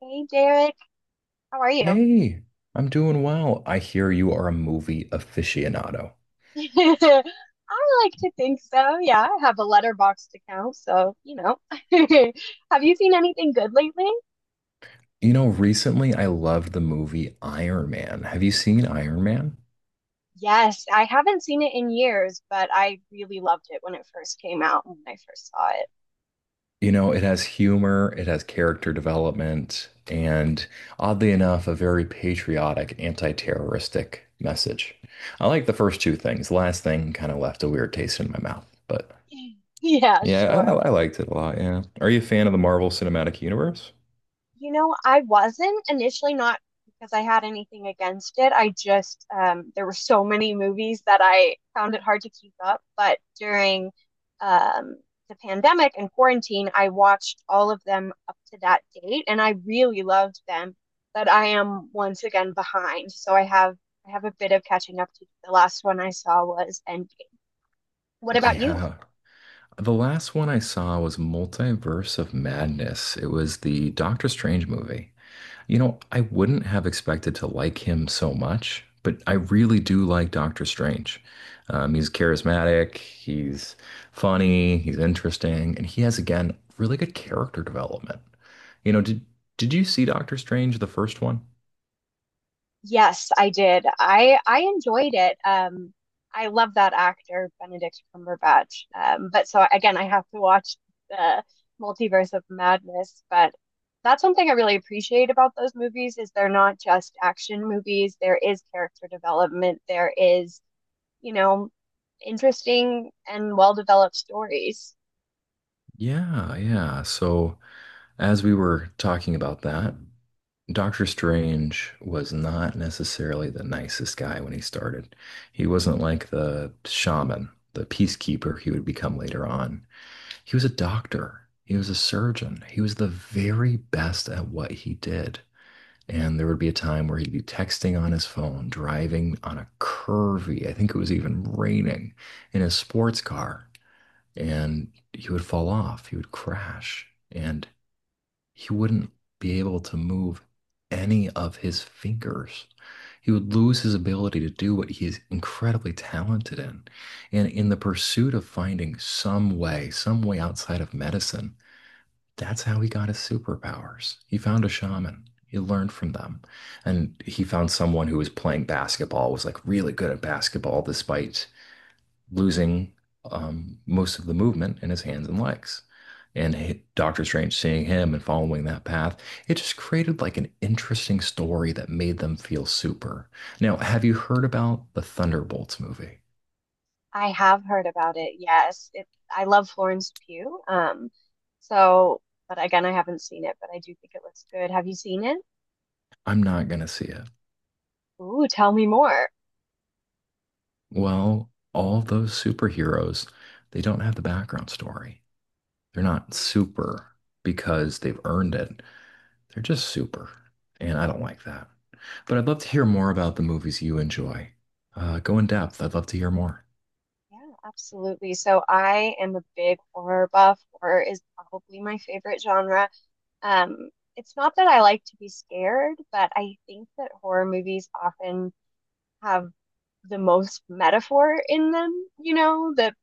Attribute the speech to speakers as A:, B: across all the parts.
A: Hey Derek, how are you?
B: Hey, I'm doing well. I hear you are a movie aficionado.
A: I like to think so. Yeah, I have a letterboxed account, so. Have you seen anything good lately?
B: You know, recently I loved the movie Iron Man. Have you seen Iron Man?
A: Yes, I haven't seen it in years, but I really loved it when it first came out, when I first saw it.
B: You know, it has humor, it has character development, and oddly enough, a very patriotic, anti-terroristic message. I like the first two things. The last thing kind of left a weird taste in my mouth, but
A: Yeah,
B: yeah,
A: sure.
B: I liked it a lot. Yeah. Are you a fan of the Marvel Cinematic Universe?
A: I wasn't initially not because I had anything against it. I just there were so many movies that I found it hard to keep up. But during um, the pandemic and quarantine, I watched all of them up to that date, and I really loved them. But I am once again behind, so I have a bit of catching up to do. The last one I saw was Endgame. What about you?
B: Yeah. The last one I saw was Multiverse of Madness. It was the Doctor Strange movie. You know, I wouldn't have expected to like him so much, but I really do like Doctor Strange. He's charismatic, he's funny, he's interesting, and he has, again, really good character development. You know, did you see Doctor Strange, the first one?
A: Yes, I did. I enjoyed it. I love that actor, Benedict Cumberbatch. But so again, I have to watch the Multiverse of Madness. But that's one thing I really appreciate about those movies is they're not just action movies. There is character development. There is, you know, interesting and well-developed stories.
B: Yeah, yeah. So as we were talking about that. Doctor Strange was not necessarily the nicest guy when he started. He wasn't like the shaman, the peacekeeper he would become later on. He was a doctor, he was a surgeon, he was the very best at what he did. And there would be a time where he'd be texting on his phone, driving on a curvy, I think it was even raining, in a sports car, and he would fall off, he would crash. And he wouldn't be able to move any of his fingers. He would lose his ability to do what he is incredibly talented in. And in the pursuit of finding some way outside of medicine, that's how he got his superpowers. He found a shaman. He learned from them. And he found someone who was playing basketball, was like really good at basketball despite losing most of the movement in his hands and legs. And Doctor Strange seeing him and following that path, it just created like an interesting story that made them feel super. Now, have you heard about the Thunderbolts movie?
A: I have heard about it. Yes, I love Florence Pugh. So, but again, I haven't seen it, but I do think it looks good. Have you seen it?
B: I'm not going to see it.
A: Ooh, tell me more.
B: Well, all those superheroes, they don't have the background story. They're not super because they've earned it. They're just super, and I don't like that. But I'd love to hear more about the movies you enjoy. Go in depth. I'd love to hear more.
A: Yeah, absolutely. So I am a big horror buff. Horror is probably my favorite genre. Um, it's not that I like to be scared, but I think that horror movies often have the most metaphor in them, that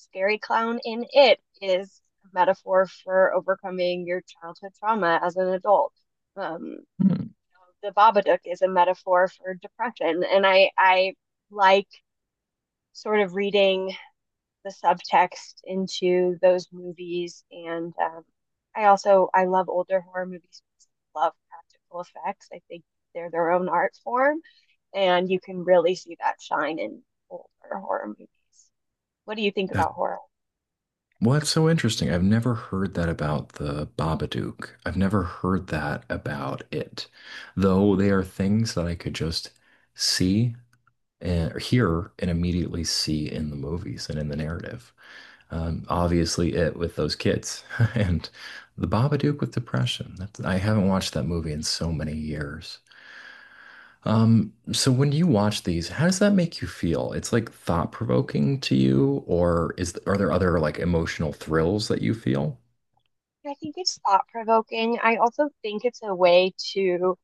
A: scary clown in it is a metaphor for overcoming your childhood trauma as an adult. Um,
B: Hmm.
A: the Babadook is a metaphor for depression, and I like sort of reading the subtext into those movies, and I also I love older horror movies. I love practical effects. I think they're their own art form, and you can really see that shine in older horror movies. What do you think
B: That
A: about horror?
B: well, that's so interesting. I've never heard that about the Babadook. I've never heard that about it, though they are things that I could just see and or hear and immediately see in the movies and in the narrative. Obviously, it with those kids and the Babadook with depression. That's, I haven't watched that movie in so many years. So when you watch these, how does that make you feel? It's like thought provoking to you, or is are there other like emotional thrills that you feel?
A: I think it's thought provoking. I also think it's a way to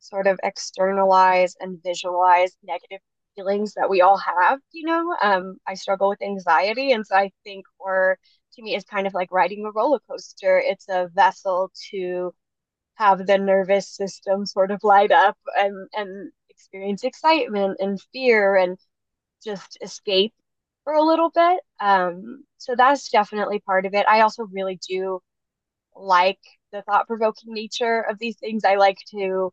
A: sort of externalize and visualize negative feelings that we all have, you know? I struggle with anxiety, and so I think horror to me is kind of like riding a roller coaster. It's a vessel to have the nervous system sort of light up and experience excitement and fear and just escape for a little bit. So that's definitely part of it. I also really do like the thought-provoking nature of these things. I like to,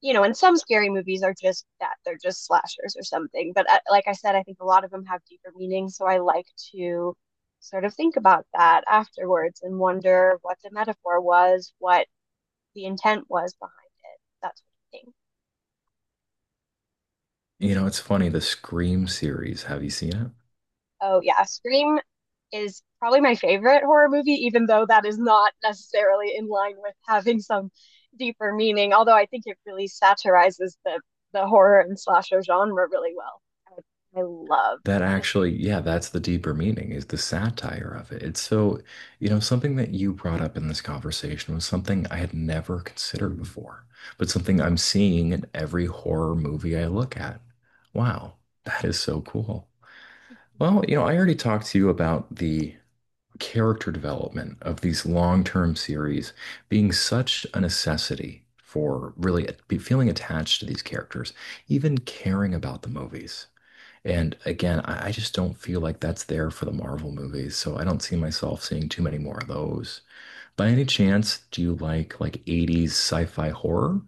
A: you know, and some scary movies are just that, they're just slashers or something. But like I said, I think a lot of them have deeper meaning, so I like to sort of think about that afterwards and wonder what the metaphor was, what the intent was behind it, that sort of thing.
B: You know, it's funny, the Scream series, have you seen it?
A: Oh yeah, Scream is probably my favorite horror movie, even though that is not necessarily in line with having some deeper meaning, although I think it really satirizes the horror and slasher genre really well. I love
B: That
A: this.
B: actually, yeah, that's the deeper meaning is the satire of it. It's so, you know, something that you brought up in this conversation was something I had never considered before, but something I'm seeing in every horror movie I look at. Wow, that is so cool. Well, you know, I already talked to you about the character development of these long-term series being such a necessity for really be feeling attached to these characters, even caring about the movies. And again, I just don't feel like that's there for the Marvel movies, so I don't see myself seeing too many more of those. By any chance, do you like 80s sci-fi horror?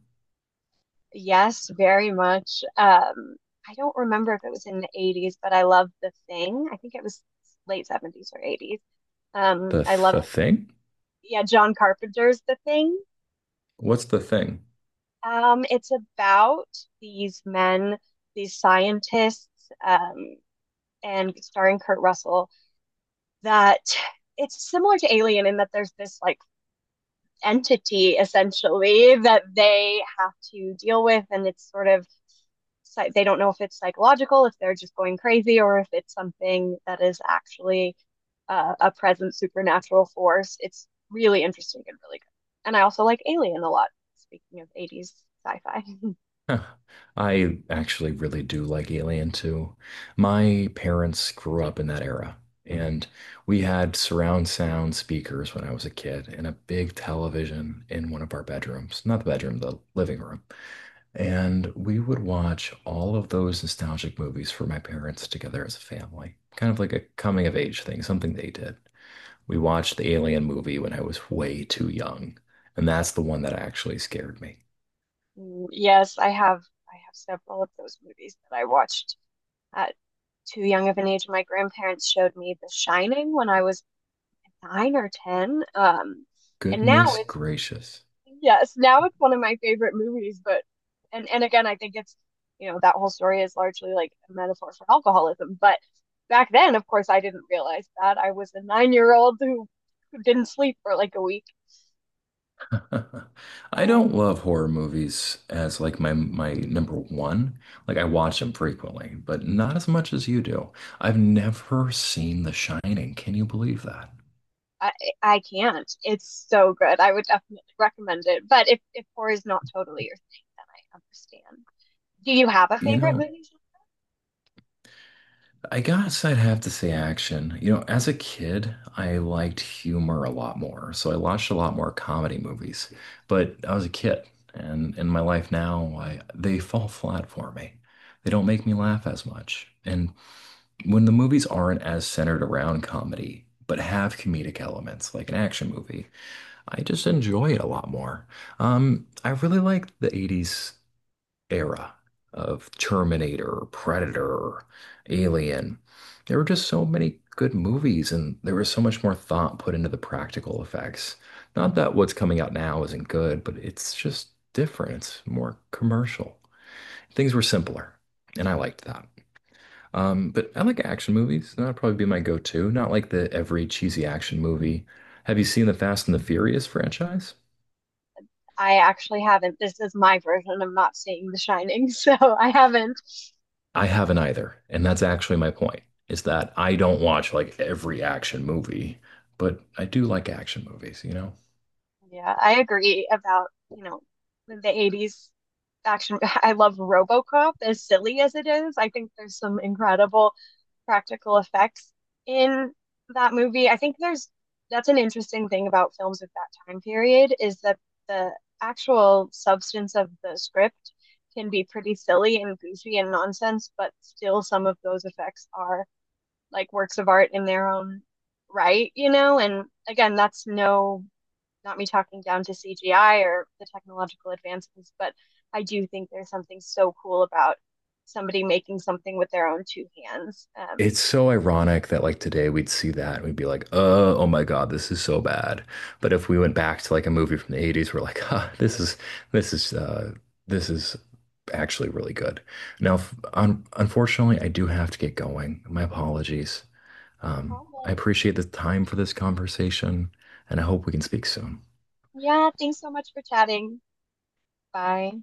A: Yes, very much. I don't remember if it was in the 80s, but I love The Thing. I think it was late 70s or 80s.
B: The
A: I love,
B: the thing?
A: yeah, John Carpenter's The Thing.
B: What's the thing?
A: It's about these men, these scientists, um, and starring Kurt Russell, that it's similar to Alien in that there's this like entity essentially that they have to deal with, and it's sort of they don't know if it's psychological, if they're just going crazy, or if it's something that is actually a present supernatural force. It's really interesting and really good. And I also like Alien a lot, speaking of 80s sci-fi.
B: Huh. I actually really do like Alien too. My parents grew up in that era, and we had surround sound speakers when I was a kid and a big television in one of our bedrooms, not the bedroom, the living room. And we would watch all of those nostalgic movies for my parents together as a family, kind of like a coming of age thing, something they did. We watched the Alien movie when I was way too young, and that's the one that actually scared me.
A: Mm, yes, I have. I have several of those movies that I watched at too young of an age. My grandparents showed me The Shining when I was 9 or 10. And now
B: Goodness
A: it's
B: gracious.
A: yes, now it's one of my favorite movies. But and again, I think it's that whole story is largely like a metaphor for alcoholism. But back then, of course, I didn't realize that I was a 9-year-old who didn't sleep for like a week.
B: I don't love horror movies as like my number one. Like I watch them frequently, but not as much as you do. I've never seen The Shining. Can you believe that?
A: I, I can't. It's so good. I would definitely recommend it. But if horror is not totally your thing, then I understand. Do you have a
B: You
A: favorite
B: know,
A: movie?
B: I guess I'd have to say action. You know, as a kid, I liked humor a lot more. So I watched a lot more comedy movies, but I was a kid. And in my life now, they fall flat for me. They don't make me laugh as much. And when the movies aren't as centered around comedy, but have comedic elements like an action movie, I just enjoy it a lot more. I really like the 80s era of Terminator, Predator, Alien. There were just so many good movies, and there was so much more thought put into the practical effects. Not that what's coming out now isn't good, but it's just different. It's more commercial. Things were simpler, and I liked that. But I like action movies. That'd probably be my go-to. Not like the every cheesy action movie. Have you seen the Fast and the Furious franchise?
A: I actually haven't. This is my version of not seeing The Shining, so I haven't.
B: I haven't either. And that's actually my point, is that I don't watch like every action movie, but I do like action movies, you know?
A: Yeah, I agree about, the 80s action. I love RoboCop as silly as it is. I think there's some incredible practical effects in that movie. I think there's that's an interesting thing about films of that time period is that the actual substance of the script can be pretty silly and goofy and nonsense, but still some of those effects are like works of art in their own right, you know? And again, that's not me talking down to CGI or the technological advancements, but I do think there's something so cool about somebody making something with their own two hands.
B: It's so ironic that like today we'd see that and we'd be like, oh my God, this is so bad. But if we went back to like a movie from the 80s, we're like, huh, this is uh this is actually really good. Now, f- un unfortunately, I do have to get going. My apologies.
A: All
B: I
A: right.
B: appreciate the time for this conversation, and I hope we can speak soon.
A: Yeah, thanks so much for chatting. Bye.